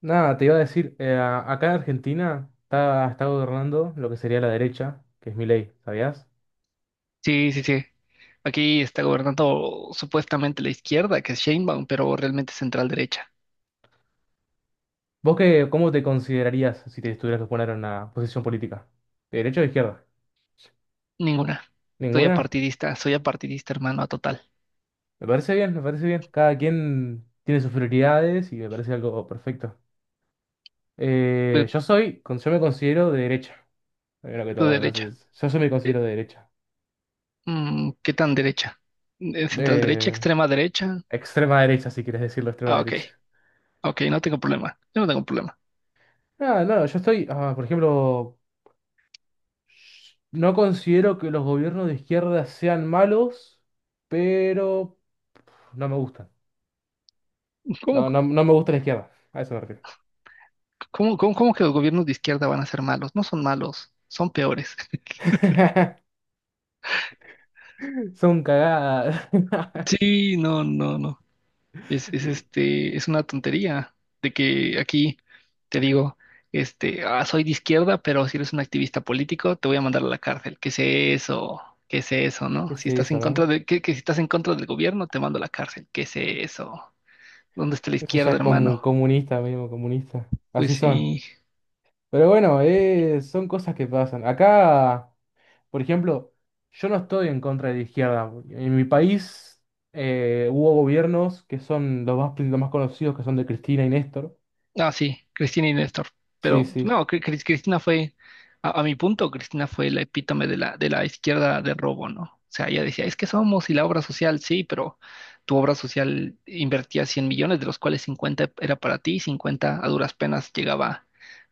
Nada, te iba a decir, acá en Argentina está gobernando lo que sería la derecha, que es mi ley, ¿sabías? Sí, sí, sí. Aquí está gobernando supuestamente la izquierda, que es Sheinbaum, pero realmente central derecha. ¿Vos qué, cómo te considerarías si te tuvieras que poner en una posición política? ¿De derecha o de izquierda? Ninguna. ¿Ninguna? Soy apartidista, hermano, a total. Me parece bien, me parece bien. Cada quien tiene sus prioridades y me parece algo perfecto. Tú Yo me considero de derecha, primero que tú todo, derecha. entonces, yo me Eh, considero de derecha. ¿Qué tan derecha? ¿Central derecha, De extrema derecha? extrema derecha, si quieres decirlo, extrema Ah, ok, derecha. ok, no tengo problema. Yo no tengo problema. Ah, no, yo estoy, ah, por ejemplo, no considero que los gobiernos de izquierda sean malos, pero no me gustan. ¿Cómo, No me gusta la izquierda. A eso me refiero. cómo que los gobiernos de izquierda van a ser malos? No son malos, son peores. Son cagadas. Sí, no, no, no. Es una tontería de que aquí te digo, soy de izquierda, pero si eres un activista político, te voy a mandar a la cárcel. ¿Qué es eso? ¿Qué es eso, ¿Qué no? es Si estás eso, en contra no? de, que si estás en contra del gobierno, te mando a la cárcel. ¿Qué es eso? ¿Dónde está la Eso ya izquierda, es como hermano? comunista mismo, comunista. Así Pues son. sí. Pero bueno, son cosas que pasan. Acá, por ejemplo, yo no estoy en contra de la izquierda. En mi país hubo gobiernos que son los más conocidos, que son de Cristina y Néstor. Ah, sí, Cristina y Néstor. Sí, Pero sí. no, Cristina fue, a mi punto, Cristina fue la epítome de la izquierda de robo, ¿no? O sea, ella decía, es que somos y la obra social, sí, pero tu obra social invertía 100 millones, de los cuales 50 era para ti y 50 a duras penas llegaba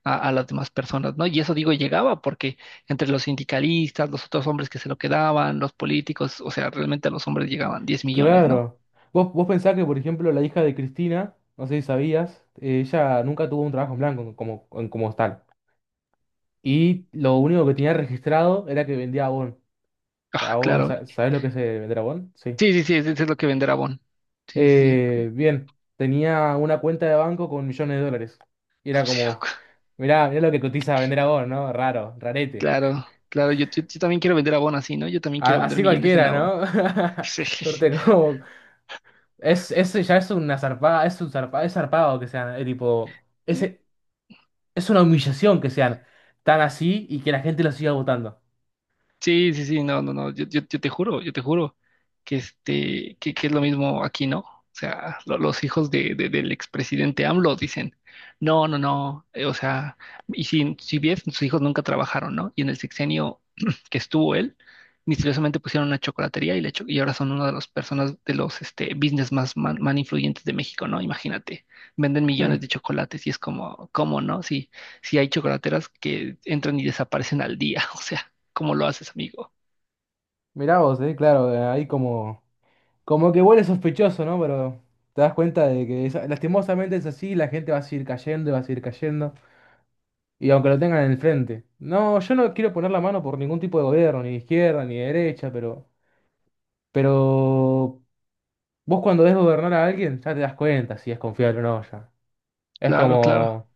a las demás personas, ¿no? Y eso digo llegaba porque entre los sindicalistas, los otros hombres que se lo quedaban, los políticos, o sea, realmente a los hombres llegaban 10 millones, ¿no? Claro. Vos pensás que, por ejemplo, la hija de Cristina, no sé si sabías, ella nunca tuvo un trabajo en blanco como, como tal. Y lo único que tenía registrado era que vendía abón. Ah, Abón, claro. ¿Sabés lo que es vender abón? Sí. Sí, sí, sí, eso es lo que venderá Bon. Sí, sí, sí. Bien, tenía una cuenta de banco con millones de dólares. Y era Sí, como, mirá, mirá lo que cotiza vender abón, ¿no? Raro, rarete. claro, claro, yo también quiero vender abón así, ¿no? Yo también quiero vender Así millones en cualquiera, abón. ¿no? Corte, como... ya es una zarpada, es zarpado que sea, tipo... Sí. Ese, es una humillación que sean tan así y que la gente los siga votando. Sí, sí, sí, no, no, no, yo te juro que que es lo mismo aquí, ¿no? O sea, los hijos del expresidente AMLO dicen, no, no, no, o sea, y si bien sus hijos nunca trabajaron, ¿no? Y en el sexenio que estuvo él, misteriosamente pusieron una chocolatería y ahora son una de las personas, de los business más influyentes de México, ¿no? Imagínate, venden Eh, millones de chocolates y es como, ¿cómo, no? Si, si hay chocolateras que entran y desaparecen al día, o sea. ¿Cómo lo haces, amigo? Mirá vos, claro, ahí como, como que huele sospechoso, ¿no? Pero te das cuenta de que lastimosamente es así, la gente va a seguir cayendo y va a seguir cayendo, y aunque lo tengan en el frente. No, yo no quiero poner la mano por ningún tipo de gobierno, ni de izquierda, ni de derecha, pero vos cuando ves gobernar a alguien ya te das cuenta si es confiable o no ya. Es Claro, claro. como,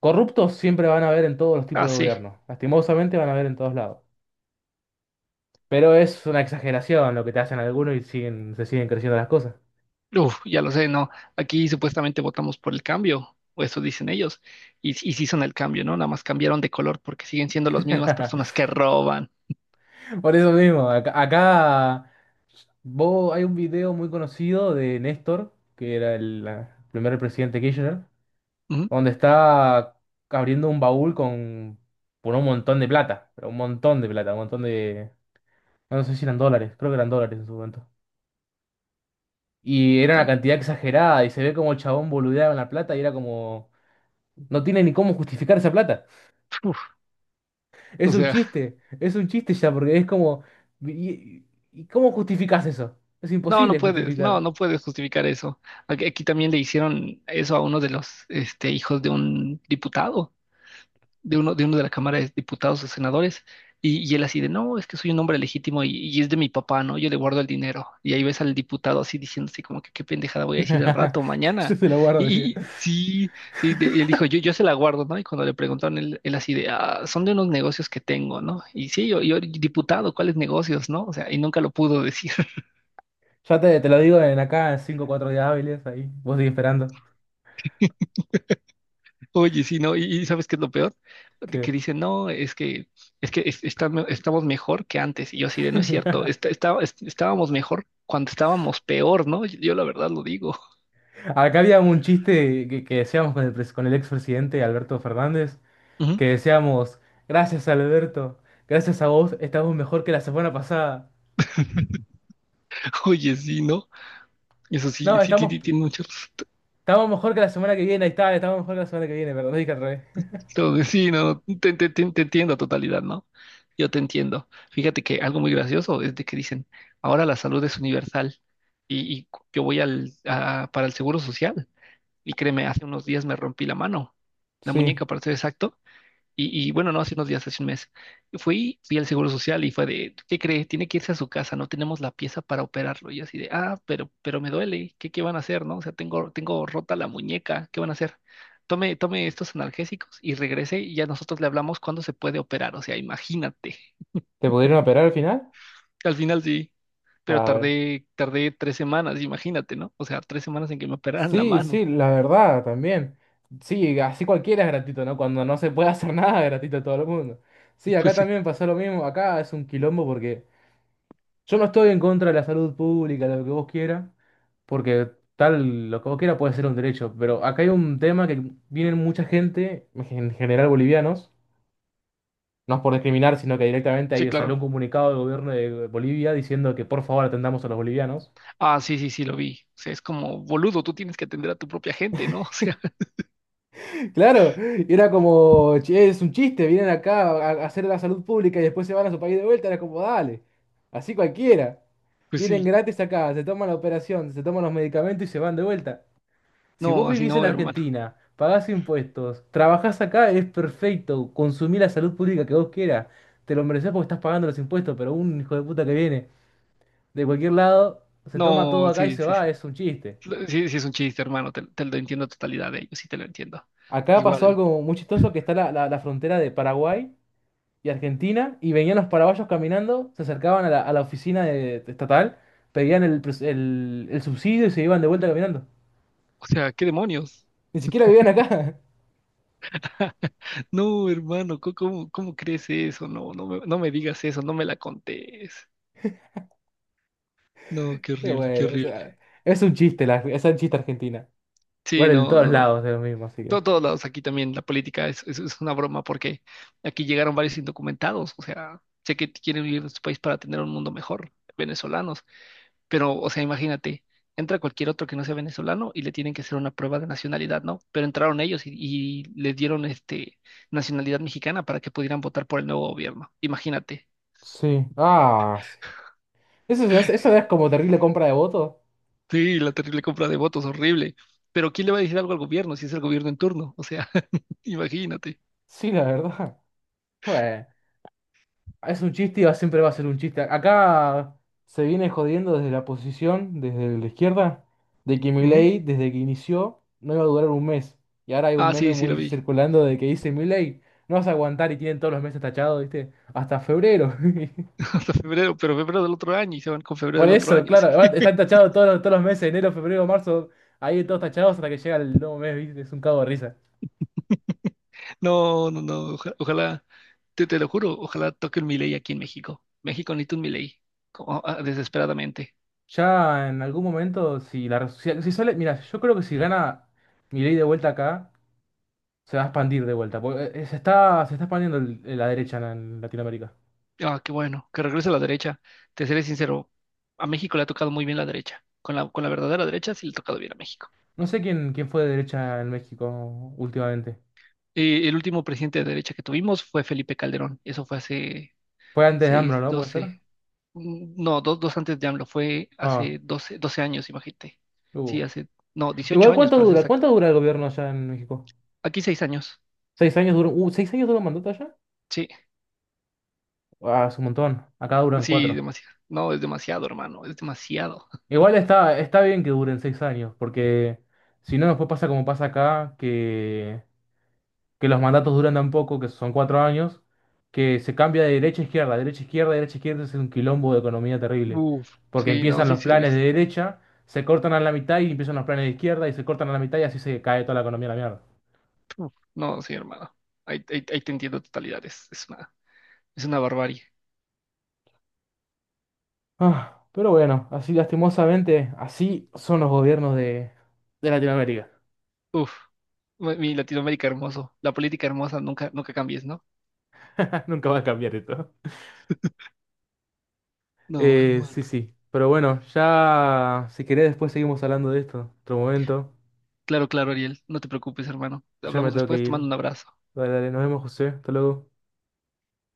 corruptos siempre van a haber en todos los Ah, tipos de sí. gobierno, lastimosamente van a haber en todos lados. Pero es una exageración lo que te hacen algunos y siguen, se siguen creciendo las cosas. Uf, ya lo sé, ¿no? Aquí supuestamente votamos por el cambio, o eso dicen ellos. Y sí son el cambio, ¿no? Nada más cambiaron de color porque siguen siendo las mismas personas que roban. Por eso mismo, acá vos, hay un video muy conocido de Néstor, que era el primer presidente Kirchner, Ujú, donde está abriendo un baúl con, por un montón de plata, pero un montón de plata, un montón de... No sé si eran dólares, creo que eran dólares en su momento. Y era una ta- cantidad exagerada y se ve como el chabón boludeaba en la plata y era como... No tiene ni cómo justificar esa plata. uf, o sea, Es un chiste ya, porque es como... ¿Y, y cómo justificás eso? Es no, no imposible puedes, no, justificar. no puedes justificar eso. Aquí también le hicieron eso a uno de los hijos de un diputado. De uno de la Cámara de Diputados o Senadores, y él así de, no, es que soy un hombre legítimo y es de mi papá, ¿no? Yo le guardo el dinero. Y ahí ves al diputado así diciendo así como que qué pendejada voy a decir al rato, Yo mañana. te lo guardo, Y, y- decía. y sí, sí, él dijo, yo se la guardo, ¿no? Y cuando le preguntaron, él así de, son de unos negocios que tengo, ¿no? Y sí, yo diputado, ¿cuáles negocios, no? O sea, y nunca lo pudo decir. Ya te lo digo en acá cinco 5 o 4 días hábiles, ahí. Vos seguís esperando. Oye, sí, ¿no? Y ¿sabes qué es lo peor? De que Que... dicen, no, es que es- está estamos mejor que antes. Y yo así de, no es cierto, está- está- es- estábamos mejor cuando estábamos peor, ¿no? Yo la verdad lo digo. Acá había un chiste que decíamos con el, con el expresidente Alberto Fernández, Ujú. que decíamos, gracias Alberto, gracias a vos, estamos mejor que la semana pasada. Oye, sí, ¿no? Eso sí, No, sí, sí, estamos, sí, tiene muchos. estamos mejor que la semana que viene, ahí está, estamos mejor que la semana que viene, perdón, dije al revés. Entonces, sí, no, te entiendo a totalidad, ¿no? Yo te entiendo. Fíjate que algo muy gracioso es de que dicen, ahora la salud es universal y yo voy para el seguro social. Y créeme, hace unos días me rompí la mano, la Sí. muñeca para ser exacto. Y bueno, no hace unos días, hace un mes. Fui al Seguro Social y fue de, ¿qué cree? Tiene que irse a su casa, no tenemos la pieza para operarlo. Y yo así de, pero me duele, ¿qué van a hacer, no? O sea, tengo rota la muñeca, ¿qué van a hacer? Tome, tome estos analgésicos y regrese y ya nosotros le hablamos cuándo se puede operar. O sea, imagínate. ¿Te pudieron operar al final? Al final sí, pero Ah, bueno. tardé 3 semanas, imagínate, ¿no? O sea, 3 semanas en que me operaran la Sí, mano. sí, la verdad, también. Sí, así cualquiera es gratuito, ¿no? Cuando no se puede hacer nada, es gratuito a todo el mundo. Sí, acá Pues sí, también pasó lo mismo. Acá es un quilombo porque yo no estoy en contra de la salud pública, lo que vos quieras, porque tal, lo que vos quieras puede ser un derecho. Pero acá hay un tema que viene mucha gente, en general bolivianos, no es por discriminar, sino que directamente sí, ahí salió claro. un comunicado del gobierno de Bolivia diciendo que por favor atendamos a los bolivianos. Ah, sí, sí, sí, lo vi. O sea, es como, boludo, tú tienes que atender a tu propia gente, ¿no? O sea, Claro, y era como, "Che, es un chiste, vienen acá a hacer la salud pública y después se van a su país de vuelta, era como, dale, así cualquiera. pues Vienen sí. gratis acá, se toman la operación, se toman los medicamentos y se van de vuelta. Si vos No, así vivís en no, hermano. Argentina, pagás impuestos, trabajás acá, es perfecto, consumí la salud pública que vos quieras, te lo mereces porque estás pagando los impuestos, pero un hijo de puta que viene de cualquier lado, se toma todo No, acá y sí, se sí, va, sí. es un chiste. Sí, sí, es un chiste, hermano. Te lo entiendo a totalidad de ellos, sí te lo entiendo. Acá pasó Igual, algo muy chistoso que está la, la frontera de Paraguay y Argentina y venían los paraguayos caminando, se acercaban a la oficina de estatal, pedían el, el subsidio y se iban de vuelta caminando. o sea, ¿qué demonios? Ni siquiera vivían acá. No, hermano, ¿cómo crees eso? No, no me digas eso, no me la contés. No, qué Pero horrible, qué bueno, o horrible. sea, es un chiste, la, es un chiste Argentina. Sí, Igual en no, todos no, no. lados es lo mismo, así que. Todos lados aquí también la política es una broma porque aquí llegaron varios indocumentados, o sea, sé que quieren vivir en su país para tener un mundo mejor, venezolanos, pero, o sea, imagínate, entra cualquier otro que no sea venezolano y le tienen que hacer una prueba de nacionalidad, ¿no? Pero entraron ellos y les dieron nacionalidad mexicana para que pudieran votar por el nuevo gobierno, imagínate. Sí. Ah, sí. Eso es como terrible compra de votos. Sí, la terrible compra de votos, horrible. Pero ¿quién le va a decir algo al gobierno si es el gobierno en turno? O sea, imagínate. Sí, la verdad. Bueno. Es un chiste y siempre va a ser un chiste. Acá se viene jodiendo desde la posición, desde la izquierda, de que Ujú. Milei, desde que inició, no iba a durar un mes. Y ahora hay un Ah, meme sí, sí lo muy vi. circulando de que dice Milei, no vas a aguantar y tienen todos los meses tachados, ¿viste? Hasta febrero. Hasta febrero, pero febrero del otro año y se van con febrero Por del otro eso, año, sí. claro, están tachados todos, todos los meses, enero, febrero, marzo, ahí todos tachados hasta que llega el nuevo mes, ¿viste? Es un cago de risa. No, no, no, ojalá, te lo juro, ojalá toque un Milei aquí en México. México necesita un Milei, como, desesperadamente. Ya en algún momento, si la si, si sale, mira, yo creo que si gana Milei de vuelta acá. Se va a expandir de vuelta. Porque, se está, se está expandiendo la derecha en Latinoamérica. Ah, qué bueno, que regrese a la derecha. Te seré sincero, a México le ha tocado muy bien la derecha. Con la verdadera derecha sí le ha tocado bien a México. No sé quién fue de derecha en México últimamente. El último presidente de derecha que tuvimos fue Felipe Calderón. Eso fue hace Fue antes de AMLO, 6 ¿no? ¿Puede ser? 12 no, dos antes de AMLO, fue Ah, hace doce años, imagínate. Sí, hubo. hace, no, 18 Igual, años ¿cuánto para ser dura? ¿Cuánto exacto. dura el gobierno allá en México? Aquí 6 años. ¿Seis años duró? ¿Seis años duró un mandato allá? Sí, Ah, es un montón. Acá duran sí, cuatro. demasiado. No, es demasiado, hermano, es demasiado. Igual está, está bien que duren seis años, porque si no, después pasa como pasa acá, que los mandatos duran tan poco, que son cuatro años, que se cambia de derecha a izquierda, derecha a izquierda, derecha a izquierda, es un quilombo de economía terrible. Uf, Porque sí, no, empiezan sí, los sí lo planes de viste. derecha, se cortan a la mitad y empiezan los planes de izquierda y se cortan a la mitad y así se cae toda la economía a la mierda. Uf, no, sí, hermano. Ahí te entiendo totalidad. Es una barbarie. Ah, pero bueno, así lastimosamente, así son los gobiernos de Latinoamérica. Uf, mi Latinoamérica hermoso. La política hermosa, nunca, nunca cambies, ¿no? Nunca va a cambiar esto. No, Sí, hermano. sí. Pero bueno, ya si querés después seguimos hablando de esto. Otro momento. Claro, claro, Ariel. No te preocupes, hermano. Ya me Hablamos tengo que después. Te ir. mando un abrazo. Dale, dale, nos vemos, José. Hasta luego.